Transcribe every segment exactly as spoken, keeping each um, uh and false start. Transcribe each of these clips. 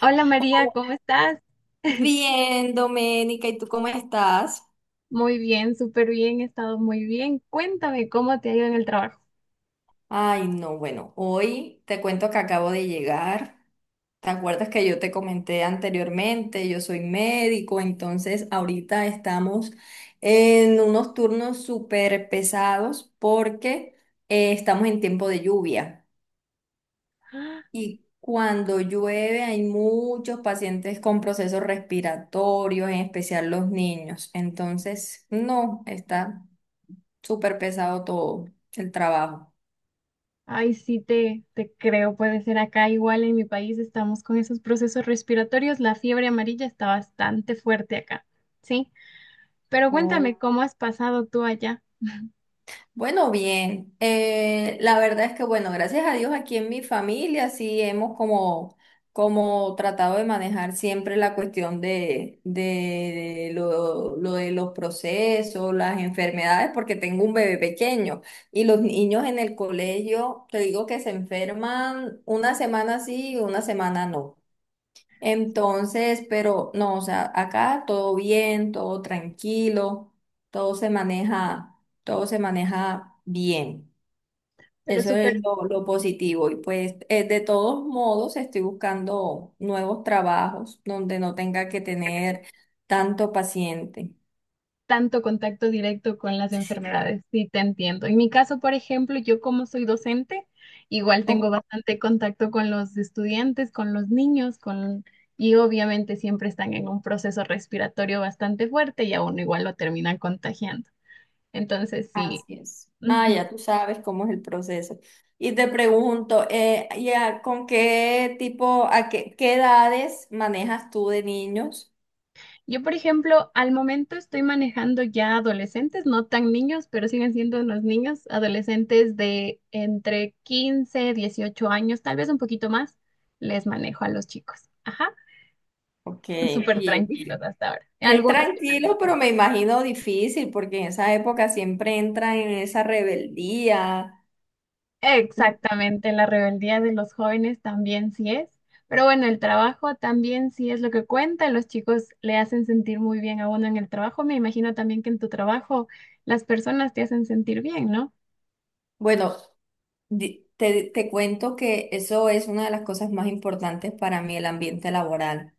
Hola María, ¿cómo estás? Bien, Doménica, ¿y tú cómo estás? Muy bien, súper bien, he estado muy bien. Cuéntame cómo te ha ido en el trabajo. Ay, no, bueno, hoy te cuento que acabo de llegar. ¿Te acuerdas que yo te comenté anteriormente? Yo soy médico, entonces ahorita estamos en unos turnos súper pesados porque eh, estamos en tiempo de lluvia. ¡Ah! Y cuando llueve hay muchos pacientes con procesos respiratorios, en especial los niños. Entonces, no, está súper pesado todo el trabajo. Ay, sí, te, te creo, puede ser acá igual en mi país estamos con esos procesos respiratorios, la fiebre amarilla está bastante fuerte acá, ¿sí? Pero Oh, cuéntame cómo has pasado tú allá, bueno, bien, eh, la verdad es que bueno, gracias a Dios aquí en mi familia sí hemos como, como tratado de manejar siempre la cuestión de, de, de lo, lo de los procesos, las enfermedades, porque tengo un bebé pequeño y los niños en el colegio, te digo que se enferman una semana sí y una semana no. Entonces, pero no, o sea, acá todo bien, todo tranquilo, todo se maneja, todo se maneja bien. pero Eso es súper lo, lo positivo. Y pues, eh, de todos modos, estoy buscando nuevos trabajos donde no tenga que tener tanto paciente. tanto contacto directo con las Sí. enfermedades, sí te entiendo. En mi caso, por ejemplo, yo como soy docente, igual tengo Oh, bastante contacto con los estudiantes, con los niños, con y obviamente siempre están en un proceso respiratorio bastante fuerte y a uno igual lo terminan contagiando. Entonces, sí. así es. Ah, ya tú sabes cómo es el proceso. Y te pregunto, eh, ya, ¿con qué tipo, a qué, qué edades manejas tú de niños? Yo, por ejemplo, al momento estoy manejando ya adolescentes, no tan niños, pero siguen siendo unos niños, adolescentes de entre quince, dieciocho años, tal vez un poquito más, les manejo a los chicos. Ajá, Ok, son súper y es, tranquilos difí- hasta ahora. es Algunos que también tranquilo, pero son. me imagino difícil porque en esa época siempre entra en esa rebeldía. Exactamente, la rebeldía de los jóvenes también sí es, pero bueno, el trabajo también sí es lo que cuenta, los chicos le hacen sentir muy bien a uno en el trabajo, me imagino también que en tu trabajo las personas te hacen sentir bien, ¿no? Bueno, di- te, te cuento que eso es una de las cosas más importantes para mí, el ambiente laboral,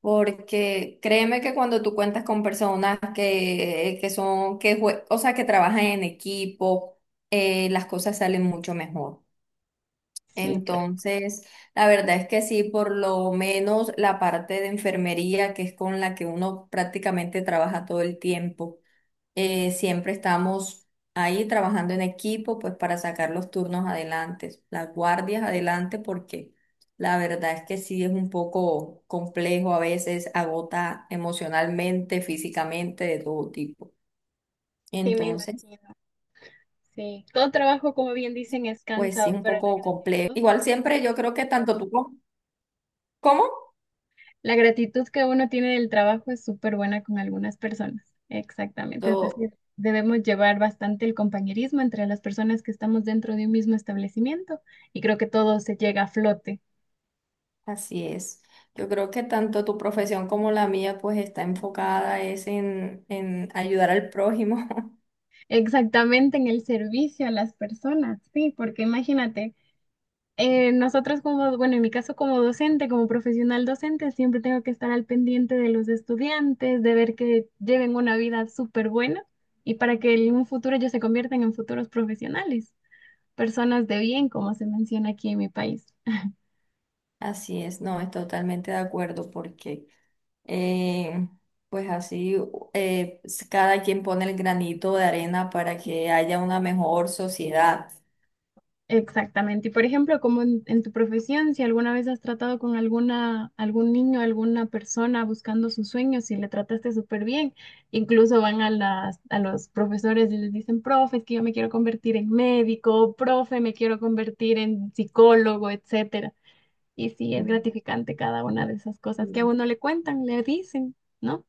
porque créeme que cuando tú cuentas con personas que, que son, que, jue- o sea, que trabajan en equipo, eh, las cosas salen mucho mejor. Sí, Entonces, la verdad es que sí, por lo menos la parte de enfermería, que es con la que uno prácticamente trabaja todo el tiempo, eh, siempre estamos ahí trabajando en equipo, pues para sacar los turnos adelante, las guardias adelante, porque la verdad es que sí es un poco complejo a veces, agota emocionalmente, físicamente, de todo tipo. sí, me Entonces, imagino. Sí. Todo trabajo, como bien dicen, es pues sí cansado, es un pero la poco complejo. gratitud, Igual siempre yo creo que tanto tú como... la gratitud que uno tiene del trabajo es súper buena con algunas personas. Exactamente. Es ¿Cómo? decir, debemos llevar bastante el compañerismo entre las personas que estamos dentro de un mismo establecimiento y creo que todo se llega a flote. Así es. Yo creo que tanto tu profesión como la mía pues está enfocada es en, en ayudar al prójimo. Exactamente en el servicio a las personas, sí, porque imagínate. Eh, nosotros como, bueno, en mi caso como docente, como profesional docente, siempre tengo que estar al pendiente de los estudiantes, de ver que lleven una vida súper buena y para que en un futuro ellos se conviertan en futuros profesionales, personas de bien, como se menciona aquí en mi país. Así es, no, es totalmente de acuerdo porque eh, pues así eh, s- cada quien pone el granito de arena para que haya una mejor sociedad. Exactamente. Y por ejemplo, como en, en tu profesión, si alguna vez has tratado con alguna, algún niño, alguna persona buscando sus sueños y le trataste súper bien, incluso van a las, a los profesores y les dicen, profe, es que yo me quiero convertir en médico, profe, me quiero convertir en psicólogo, etcétera. Y sí, es gratificante cada una de esas cosas que a Mm. uno le cuentan, le dicen, ¿no?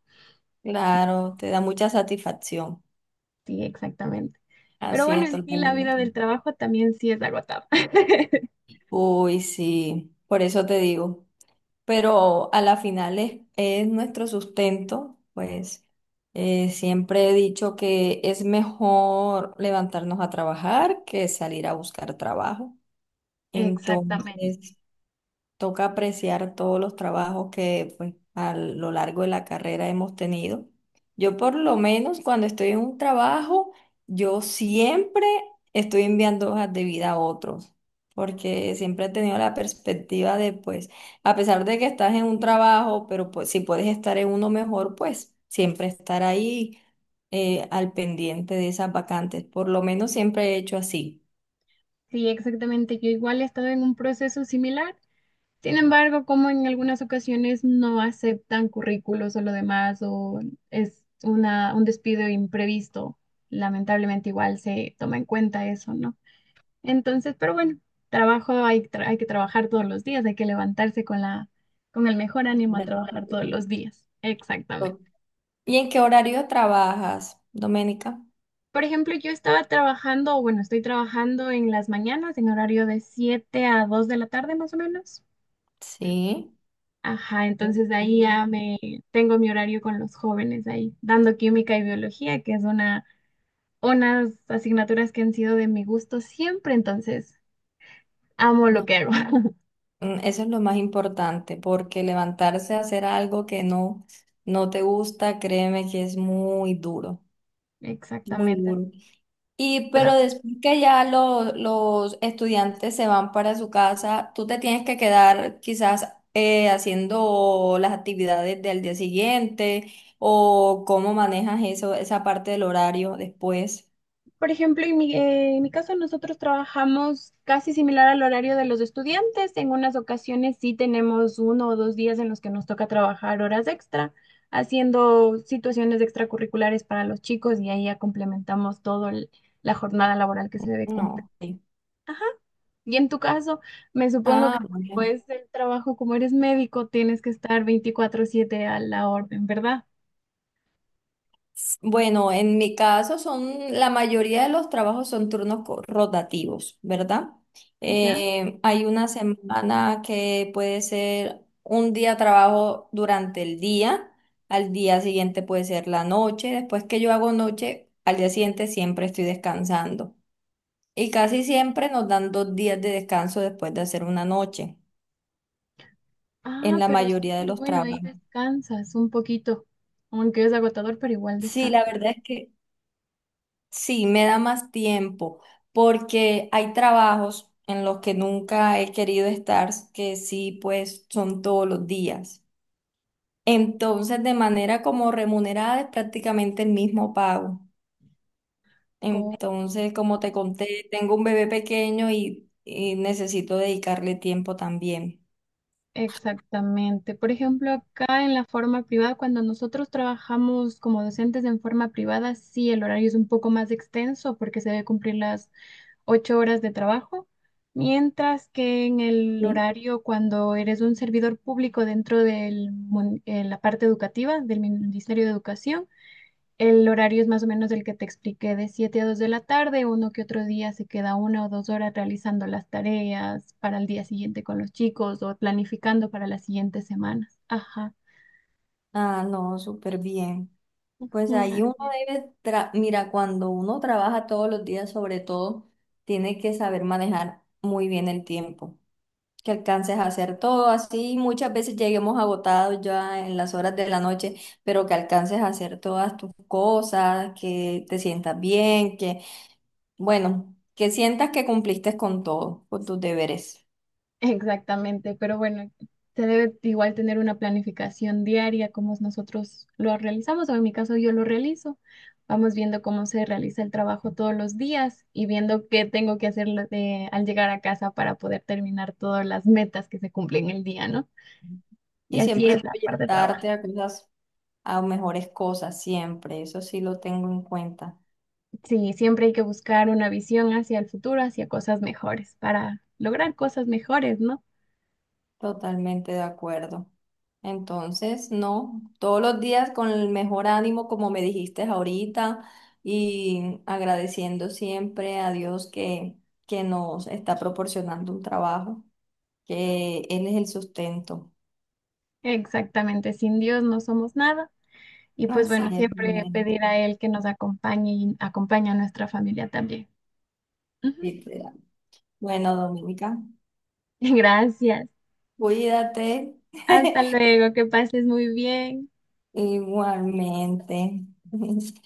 Claro, te da mucha satisfacción. Sí, exactamente. Pero Así bueno, es, en sí la vida totalmente. del trabajo también sí es agotada. Uy, sí, por eso te digo, pero a la final es, es nuestro sustento, pues eh, siempre he dicho que es mejor levantarnos a trabajar que salir a buscar trabajo. Exactamente. Entonces, toca apreciar todos los trabajos que pues, a lo largo de la carrera hemos tenido. Yo por lo menos cuando estoy en un trabajo, yo siempre estoy enviando hojas de vida a otros, porque siempre he tenido la perspectiva de, pues, a pesar de que estás en un trabajo, pero pues si puedes estar en uno mejor, pues siempre estar ahí eh, al pendiente de esas vacantes. Por lo menos siempre he hecho así. Sí, exactamente. Yo igual he estado en un proceso similar. Sin embargo, como en algunas ocasiones no aceptan currículos o lo demás, o es una, un despido imprevisto, lamentablemente igual se toma en cuenta eso, ¿no? Entonces, pero bueno, trabajo hay, tra- hay que trabajar todos los días, hay que levantarse con la, con el mejor ánimo a Ahora, trabajar todos los días. Exactamente. ¿y en qué horario trabajas, Doménica? Por ejemplo, yo estaba trabajando, o bueno, estoy trabajando en las mañanas en horario de siete a dos de la tarde más o menos. Sí. Ajá, entonces de ahí Sí, ya me tengo mi horario con los jóvenes ahí, dando química y biología, que es una, unas asignaturas que han sido de mi gusto siempre, entonces amo lo no, que hago. mm, Eso es lo más importante, porque levantarse a hacer algo que no, no te gusta, créeme que es muy duro, muy Exactamente. duro. Y Pero, pero después que ya lo- los estudiantes se van para su casa, tú te tienes que quedar quizás eh, haciendo las actividades del día siguiente o cómo manejas eso, esa parte del horario después. por ejemplo, en mi, eh, en mi caso nosotros trabajamos casi similar al horario de los estudiantes. En unas ocasiones sí tenemos uno o dos días en los que nos toca trabajar horas extra, haciendo situaciones extracurriculares para los chicos y ahí ya complementamos todo el- la jornada laboral que se debe cumplir. No. Sí. Y en tu caso, me supongo que Ah, bueno. después del trabajo, como eres médico, tienes que estar veinticuatro siete a la orden, ¿verdad? Bueno, en mi caso son, la mayoría de los trabajos son turnos co- rotativos, ¿verdad? ¿Ya? Eh, hay una semana que puede ser un día trabajo durante el día, al día siguiente puede ser la noche, después que yo hago noche, al día siguiente siempre estoy descansando. Y casi siempre nos dan dos días de descanso después de hacer una noche, en Ah, la pero es mayoría de súper los bueno, ahí trabajos. descansas un poquito, aunque es agotador, pero igual Sí, la descansas. verdad es que sí, me da más tiempo porque hay trabajos en los que nunca he querido estar, que sí, pues son todos los días. Entonces, de manera como remunerada es prácticamente el mismo pago. Oh, Entonces, como te conté, tengo un bebé pequeño y, y necesito dedicarle tiempo también. exactamente. Por ejemplo, acá en la forma privada, cuando nosotros trabajamos como docentes en forma privada, sí, el horario es un poco más extenso porque se debe cumplir las ocho horas de trabajo, mientras que en el horario cuando eres un servidor público dentro de la parte educativa del Ministerio de Educación, el horario es más o menos el que te expliqué de siete a dos de la tarde, uno que otro día se queda una o dos horas realizando las tareas para el día siguiente con los chicos o planificando para las siguientes semanas. Ajá. Ah, no, súper bien. Pues Mm. ahí uno debe, tra- mira, cuando uno trabaja todos los días, sobre todo, tiene que saber manejar muy bien el tiempo, que alcances a hacer todo así. Muchas veces lleguemos agotados ya en las horas de la noche, pero que alcances a hacer todas tus cosas, que te sientas bien, que, bueno, que sientas que cumpliste con todo, con tus deberes. Exactamente, pero bueno, se debe igual tener una planificación diaria, como nosotros lo realizamos, o en mi caso yo lo realizo. Vamos viendo cómo se realiza el trabajo todos los días y viendo qué tengo que hacer lo- de- al llegar a casa para poder terminar todas las metas que se cumplen el día, ¿no? Y Y así siempre es la parte de trabajo. proyectarte a cosas, a mejores cosas, siempre. Eso sí lo tengo en cuenta. Sí, siempre hay que buscar una visión hacia el futuro, hacia cosas mejores, para lograr cosas mejores, ¿no? Totalmente de acuerdo. Entonces, no, todos los días con el mejor ánimo, como me dijiste ahorita, y agradeciendo siempre a Dios que, que nos está proporcionando un trabajo, que Él es el sustento. Exactamente, sin Dios no somos nada. Y pues Así bueno, es, siempre amén. pedir a Él que nos acompañe y acompañe a nuestra familia también. Ujú. Literal. Bueno, Dominica, Gracias. cuídate Hasta luego, que pases muy bien. igualmente. Chao.